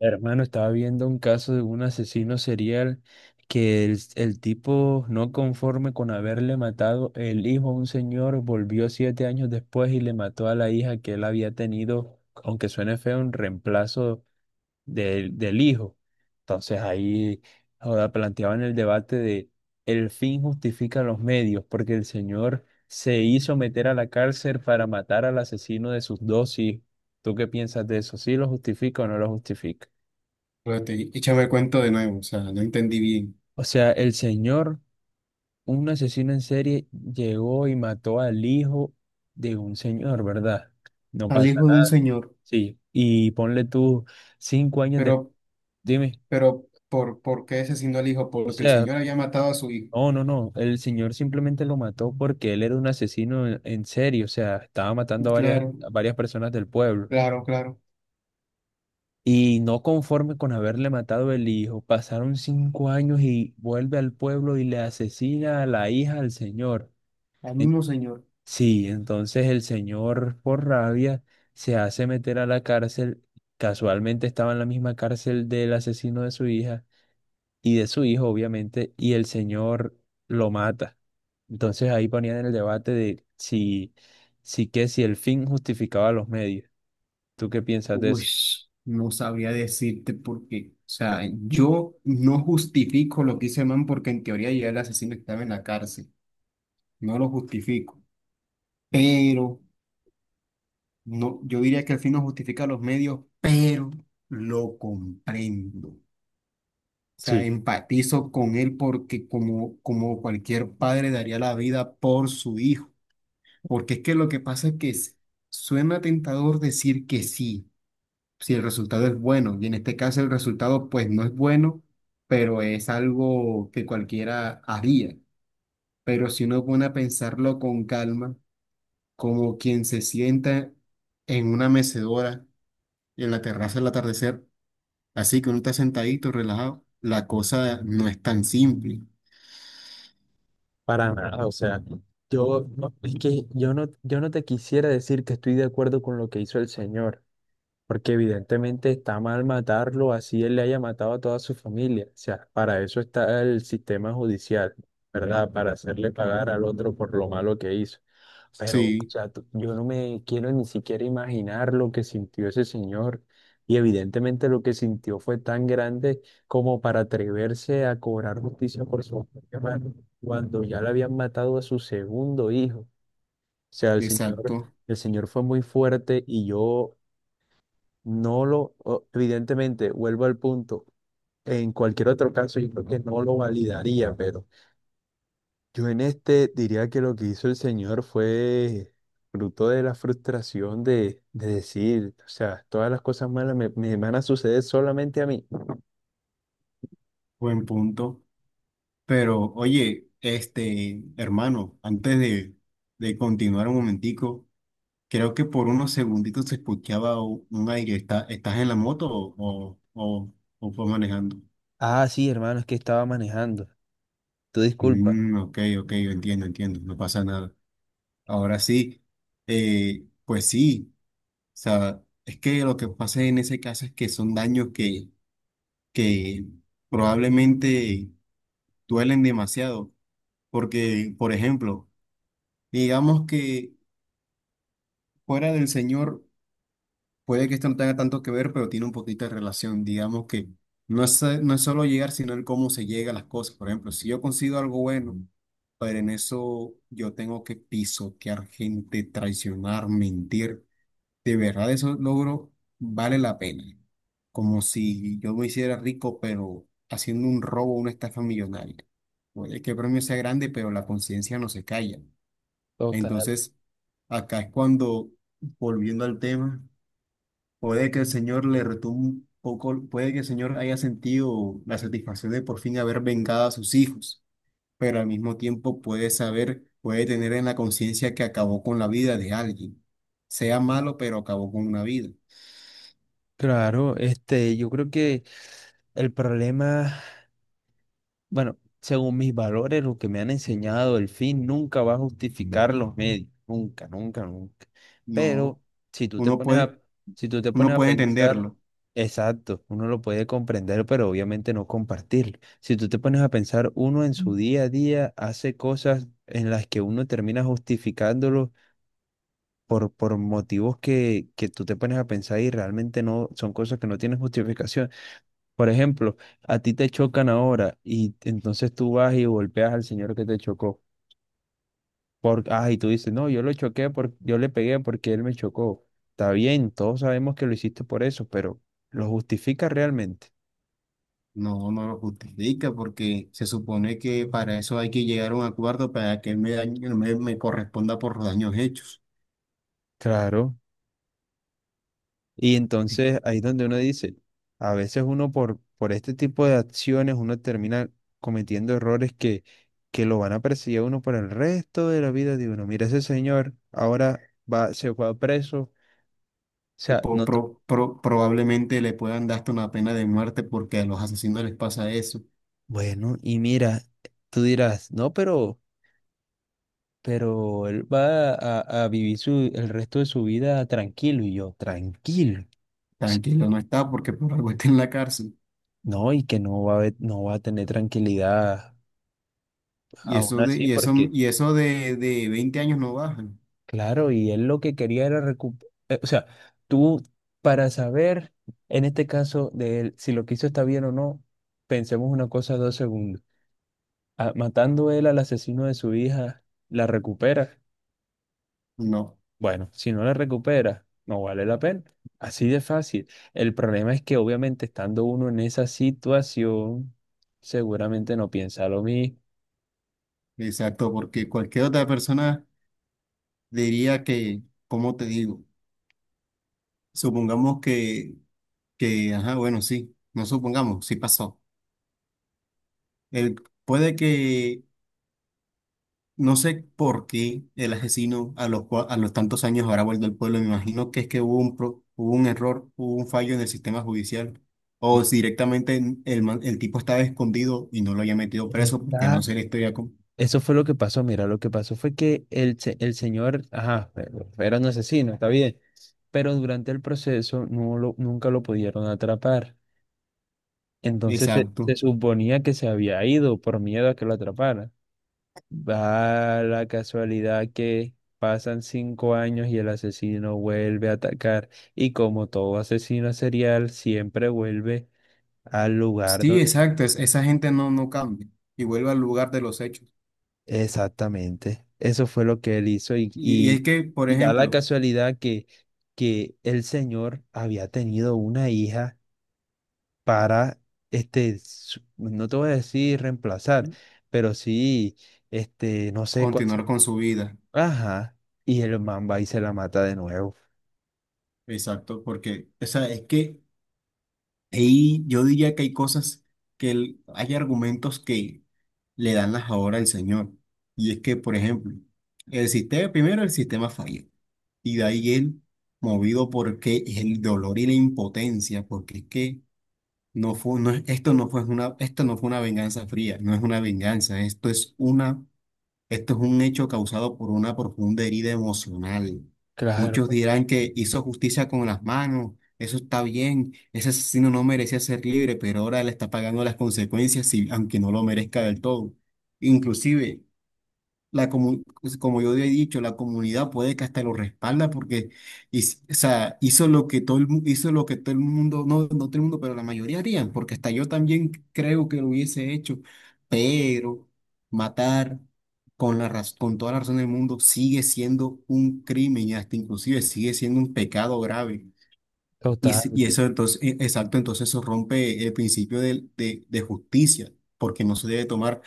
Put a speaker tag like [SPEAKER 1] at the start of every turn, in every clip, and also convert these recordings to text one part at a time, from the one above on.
[SPEAKER 1] Hermano, estaba viendo un caso de un asesino serial que el tipo, no conforme con haberle matado el hijo a un señor, volvió 7 años después y le mató a la hija que él había tenido, aunque suene feo, un reemplazo del hijo. Entonces ahí ahora planteaban el debate de el fin justifica los medios, porque el señor se hizo meter a la cárcel para matar al asesino de sus dos hijos. ¿Tú qué piensas de eso? ¿Sí lo justifica o no lo justifica?
[SPEAKER 2] Espérate, échame el cuento de nuevo, o sea, no entendí bien.
[SPEAKER 1] O sea, el señor, un asesino en serie, llegó y mató al hijo de un señor, ¿verdad? No
[SPEAKER 2] Al
[SPEAKER 1] pasa
[SPEAKER 2] hijo de un
[SPEAKER 1] nada.
[SPEAKER 2] señor.
[SPEAKER 1] Sí. Y ponle tú 5 años de.
[SPEAKER 2] Pero,
[SPEAKER 1] Dime.
[SPEAKER 2] pero, ¿por qué asesinó al hijo?
[SPEAKER 1] O
[SPEAKER 2] Porque el
[SPEAKER 1] sea,
[SPEAKER 2] señor había matado a su hijo.
[SPEAKER 1] no, no, no. El señor simplemente lo mató porque él era un asesino en serie. O sea, estaba matando a varias,
[SPEAKER 2] Claro,
[SPEAKER 1] a varias personas del pueblo.
[SPEAKER 2] claro, claro.
[SPEAKER 1] Y no conforme con haberle matado el hijo, pasaron 5 años y vuelve al pueblo y le asesina a la hija al señor.
[SPEAKER 2] Al mismo señor.
[SPEAKER 1] Sí, entonces el señor por rabia se hace meter a la cárcel. Casualmente estaba en la misma cárcel del asesino de su hija y de su hijo, obviamente, y el señor lo mata. Entonces ahí ponían en el debate de si que si el fin justificaba los medios. ¿Tú qué piensas de
[SPEAKER 2] Uy,
[SPEAKER 1] eso?
[SPEAKER 2] no sabría decirte por qué. O sea, yo no justifico lo que hizo el man porque en teoría ya el asesino estaba en la cárcel. No lo justifico. Pero, no, yo diría que al fin no justifica los medios, pero lo comprendo. O sea,
[SPEAKER 1] Sí,
[SPEAKER 2] empatizo con él porque como, como cualquier padre daría la vida por su hijo. Porque es que lo que pasa es que suena tentador decir que sí, si el resultado es bueno. Y en este caso el resultado pues no es bueno, pero es algo que cualquiera haría. Pero si uno pone a pensarlo con calma, como quien se sienta en una mecedora en la terraza al atardecer, así que uno está sentadito, relajado, la cosa no es tan simple.
[SPEAKER 1] para nada. O sea, yo no, es que yo no te quisiera decir que estoy de acuerdo con lo que hizo el señor. Porque evidentemente está mal matarlo, así él le haya matado a toda su familia. O sea, para eso está el sistema judicial, ¿verdad? Para hacerle pagar al otro por lo malo que hizo. Pero, o
[SPEAKER 2] Sí.
[SPEAKER 1] sea, tú- yo no me quiero ni siquiera imaginar lo que sintió ese señor. Y evidentemente lo que sintió fue tan grande como para atreverse a cobrar justicia por su propia mano, cuando ya le habían matado a su segundo hijo. O sea,
[SPEAKER 2] Exacto.
[SPEAKER 1] el señor fue muy fuerte y yo no lo, evidentemente, vuelvo al punto. En cualquier otro caso, yo creo que no lo validaría, pero yo en este diría que lo que hizo el señor fue fruto de la frustración de decir, o sea, todas las cosas malas me van a suceder solamente a mí.
[SPEAKER 2] Buen punto. Pero oye, hermano, antes de continuar un momentico, creo que por unos segunditos se escuchaba un aire. ¿Está, estás en la moto o fue manejando?
[SPEAKER 1] Ah, sí, hermano, es que estaba manejando. Tú disculpa.
[SPEAKER 2] Mm, ok, ok, entiendo, entiendo, no pasa nada. Ahora sí, pues sí, o sea, es que lo que pasa en ese caso es que son daños que probablemente duelen demasiado, porque, por ejemplo, digamos que fuera del Señor puede que esto no tenga tanto que ver, pero tiene un poquito de relación. Digamos que no es, no es solo llegar, sino el cómo se llega a las cosas. Por ejemplo, si yo consigo algo bueno, pero en eso yo tengo que pisotear gente, traicionar, mentir, de verdad eso logro vale la pena. Como si yo me hiciera rico, pero haciendo un robo, una estafa millonaria. Puede que el premio sea grande, pero la conciencia no se calla.
[SPEAKER 1] Total.
[SPEAKER 2] Entonces, acá es cuando, volviendo al tema, puede que el Señor le retumbe un poco, puede que el Señor haya sentido la satisfacción de por fin haber vengado a sus hijos, pero al mismo tiempo puede saber, puede tener en la conciencia que acabó con la vida de alguien, sea malo, pero acabó con una vida.
[SPEAKER 1] Claro, este, yo creo que el problema. Bueno, según mis valores, lo que me han enseñado, el fin nunca va a justificar los medios, nunca, nunca, nunca.
[SPEAKER 2] No,
[SPEAKER 1] Pero si tú te
[SPEAKER 2] uno
[SPEAKER 1] pones
[SPEAKER 2] puede,
[SPEAKER 1] a, si tú te
[SPEAKER 2] uno
[SPEAKER 1] pones a
[SPEAKER 2] puede
[SPEAKER 1] pensar,
[SPEAKER 2] entenderlo.
[SPEAKER 1] exacto, uno lo puede comprender, pero obviamente no compartirlo. Si tú te pones a pensar, uno en su día a día hace cosas en las que uno termina justificándolo por motivos que tú te pones a pensar y realmente no son cosas que no tienen justificación. Por ejemplo, a ti te chocan ahora y entonces tú vas y golpeas al señor que te chocó. Y tú dices, no, yo lo choqué, yo le pegué porque él me chocó. Está bien, todos sabemos que lo hiciste por eso, pero ¿lo justifica realmente?
[SPEAKER 2] No, no lo justifica porque se supone que para eso hay que llegar a un acuerdo para que me corresponda por los daños hechos.
[SPEAKER 1] Claro. Y entonces ahí es donde uno dice, a veces uno por este tipo de acciones, uno termina cometiendo errores que lo van a perseguir a uno por el resto de la vida de uno. Mira, ese señor ahora se fue a preso. O sea, no.
[SPEAKER 2] Probablemente le puedan dar hasta una pena de muerte porque a los asesinos les pasa eso.
[SPEAKER 1] Bueno, y mira, tú dirás, no, pero él va a vivir su, el resto de su vida tranquilo. Y yo, tranquilo. Ts-
[SPEAKER 2] Tranquilo, no está porque por algo está en la cárcel.
[SPEAKER 1] No, y que no va a tener tranquilidad aún así, porque,
[SPEAKER 2] Y eso De 20 años no bajan.
[SPEAKER 1] claro, y él lo que quería era recuperar. O sea, tú, para saber, en este caso, de él, si lo que hizo está bien o no, pensemos una cosa 2 segundos. Ah, matando él al asesino de su hija, la recupera.
[SPEAKER 2] No,
[SPEAKER 1] Bueno, si no la recuperas, no vale la pena. Así de fácil. El problema es que obviamente estando uno en esa situación, seguramente no piensa lo mismo.
[SPEAKER 2] exacto, porque cualquier otra persona diría que, ¿cómo te digo? Supongamos que, ajá, bueno, sí, no supongamos, sí pasó. El, Puede que no sé por qué el asesino a los, a los tantos años habrá vuelto al pueblo. Me imagino que es que hubo un, hubo un error, hubo un fallo en el sistema judicial. O si directamente el tipo estaba escondido y no lo haya metido preso porque no
[SPEAKER 1] Exacto.
[SPEAKER 2] sé la historia.
[SPEAKER 1] Eso fue lo que pasó. Mira, lo que pasó fue que el señor, ajá, era un asesino, está bien, pero durante el proceso nunca lo pudieron atrapar. Entonces se
[SPEAKER 2] Exacto.
[SPEAKER 1] suponía que se había ido por miedo a que lo atraparan. Va la casualidad que pasan 5 años y el asesino vuelve a atacar. Y como todo asesino serial, siempre vuelve al lugar
[SPEAKER 2] Sí,
[SPEAKER 1] donde.
[SPEAKER 2] exacto. Esa gente no, no cambia y vuelve al lugar de los hechos.
[SPEAKER 1] Exactamente. Eso fue lo que él hizo. Y,
[SPEAKER 2] Y es
[SPEAKER 1] y,
[SPEAKER 2] que, por
[SPEAKER 1] y da la
[SPEAKER 2] ejemplo,
[SPEAKER 1] casualidad que, el señor había tenido una hija para, este, no te voy a decir reemplazar, pero sí, este, no sé cuál
[SPEAKER 2] continuar
[SPEAKER 1] sería.
[SPEAKER 2] con su vida.
[SPEAKER 1] Ajá. Y el man va y se la mata de nuevo.
[SPEAKER 2] Exacto, porque, o sea, es que ahí yo diría que hay cosas que hay argumentos que le dan las ahora al señor. Y es que, por ejemplo, el sistema, primero el sistema falló. Y de ahí él, movido porque el dolor y la impotencia, porque es que no fue, esto no fue una, esto no fue una venganza fría, no es una venganza, esto es una esto es un hecho causado por una profunda herida emocional.
[SPEAKER 1] Claro,
[SPEAKER 2] Muchos dirán que hizo justicia con las manos, eso está bien, ese asesino no merecía ser libre, pero ahora le está pagando las consecuencias, aunque no lo merezca del todo. Inclusive, pues, como yo he dicho, la comunidad puede que hasta lo respalda porque o sea, hizo lo que todo hizo lo que todo el mundo, no, no todo el mundo, pero la mayoría harían, porque hasta yo también creo que lo hubiese hecho, pero matar con con toda la razón del mundo sigue siendo un crimen y hasta inclusive sigue siendo un pecado grave. Y,
[SPEAKER 1] total,
[SPEAKER 2] si- Y eso entonces, exacto, entonces eso rompe el principio de justicia, porque no se debe tomar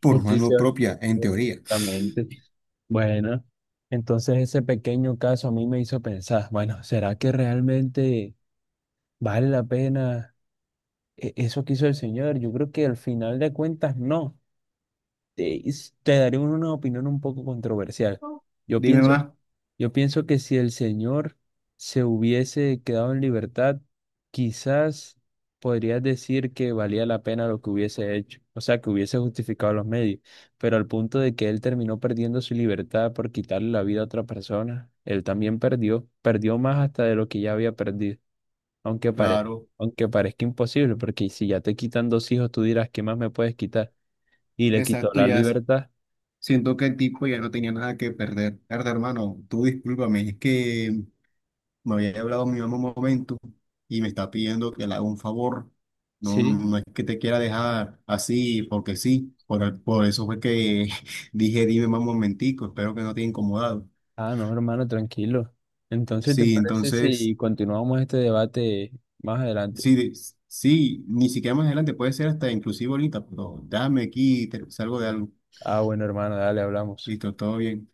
[SPEAKER 2] por mano
[SPEAKER 1] justicia.
[SPEAKER 2] propia, en teoría.
[SPEAKER 1] Exactamente. Bueno, entonces ese pequeño caso a mí me hizo pensar, bueno, ¿será que realmente vale la pena e- eso que hizo el señor? Yo creo que al final de cuentas no. Te daré una opinión un poco controversial. Yo Sí.
[SPEAKER 2] Dime más.
[SPEAKER 1] Yo pienso que si el señor se hubiese quedado en libertad, quizás podrías decir que valía la pena lo que hubiese hecho, o sea, que hubiese justificado los medios, pero al punto de que él terminó perdiendo su libertad por quitarle la vida a otra persona, él también perdió más hasta de lo que ya había perdido, aunque parezca,
[SPEAKER 2] Claro,
[SPEAKER 1] aunque parezca imposible, porque si ya te quitan dos hijos, tú dirás, ¿qué más me puedes quitar? Y le quitó
[SPEAKER 2] exacto,
[SPEAKER 1] la
[SPEAKER 2] ya.
[SPEAKER 1] libertad,
[SPEAKER 2] Siento que el tipo ya no tenía nada que perder. Verdad, hermano, tú discúlpame, es que me había hablado mi mamá un momento y me está pidiendo que le haga un favor. No,
[SPEAKER 1] sí.
[SPEAKER 2] no es que te quiera dejar así porque sí. Por eso fue que dije, dime mamá un momentico, espero que no te haya incomodado.
[SPEAKER 1] Ah, no, hermano, tranquilo. Entonces, ¿te
[SPEAKER 2] Sí,
[SPEAKER 1] parece
[SPEAKER 2] entonces,
[SPEAKER 1] si continuamos este debate más adelante?
[SPEAKER 2] sí, sí, ni siquiera más adelante, puede ser hasta inclusive ahorita, pero dame aquí, te, salgo de algo.
[SPEAKER 1] Ah, bueno, hermano, dale, hablamos.
[SPEAKER 2] Listo, todo bien.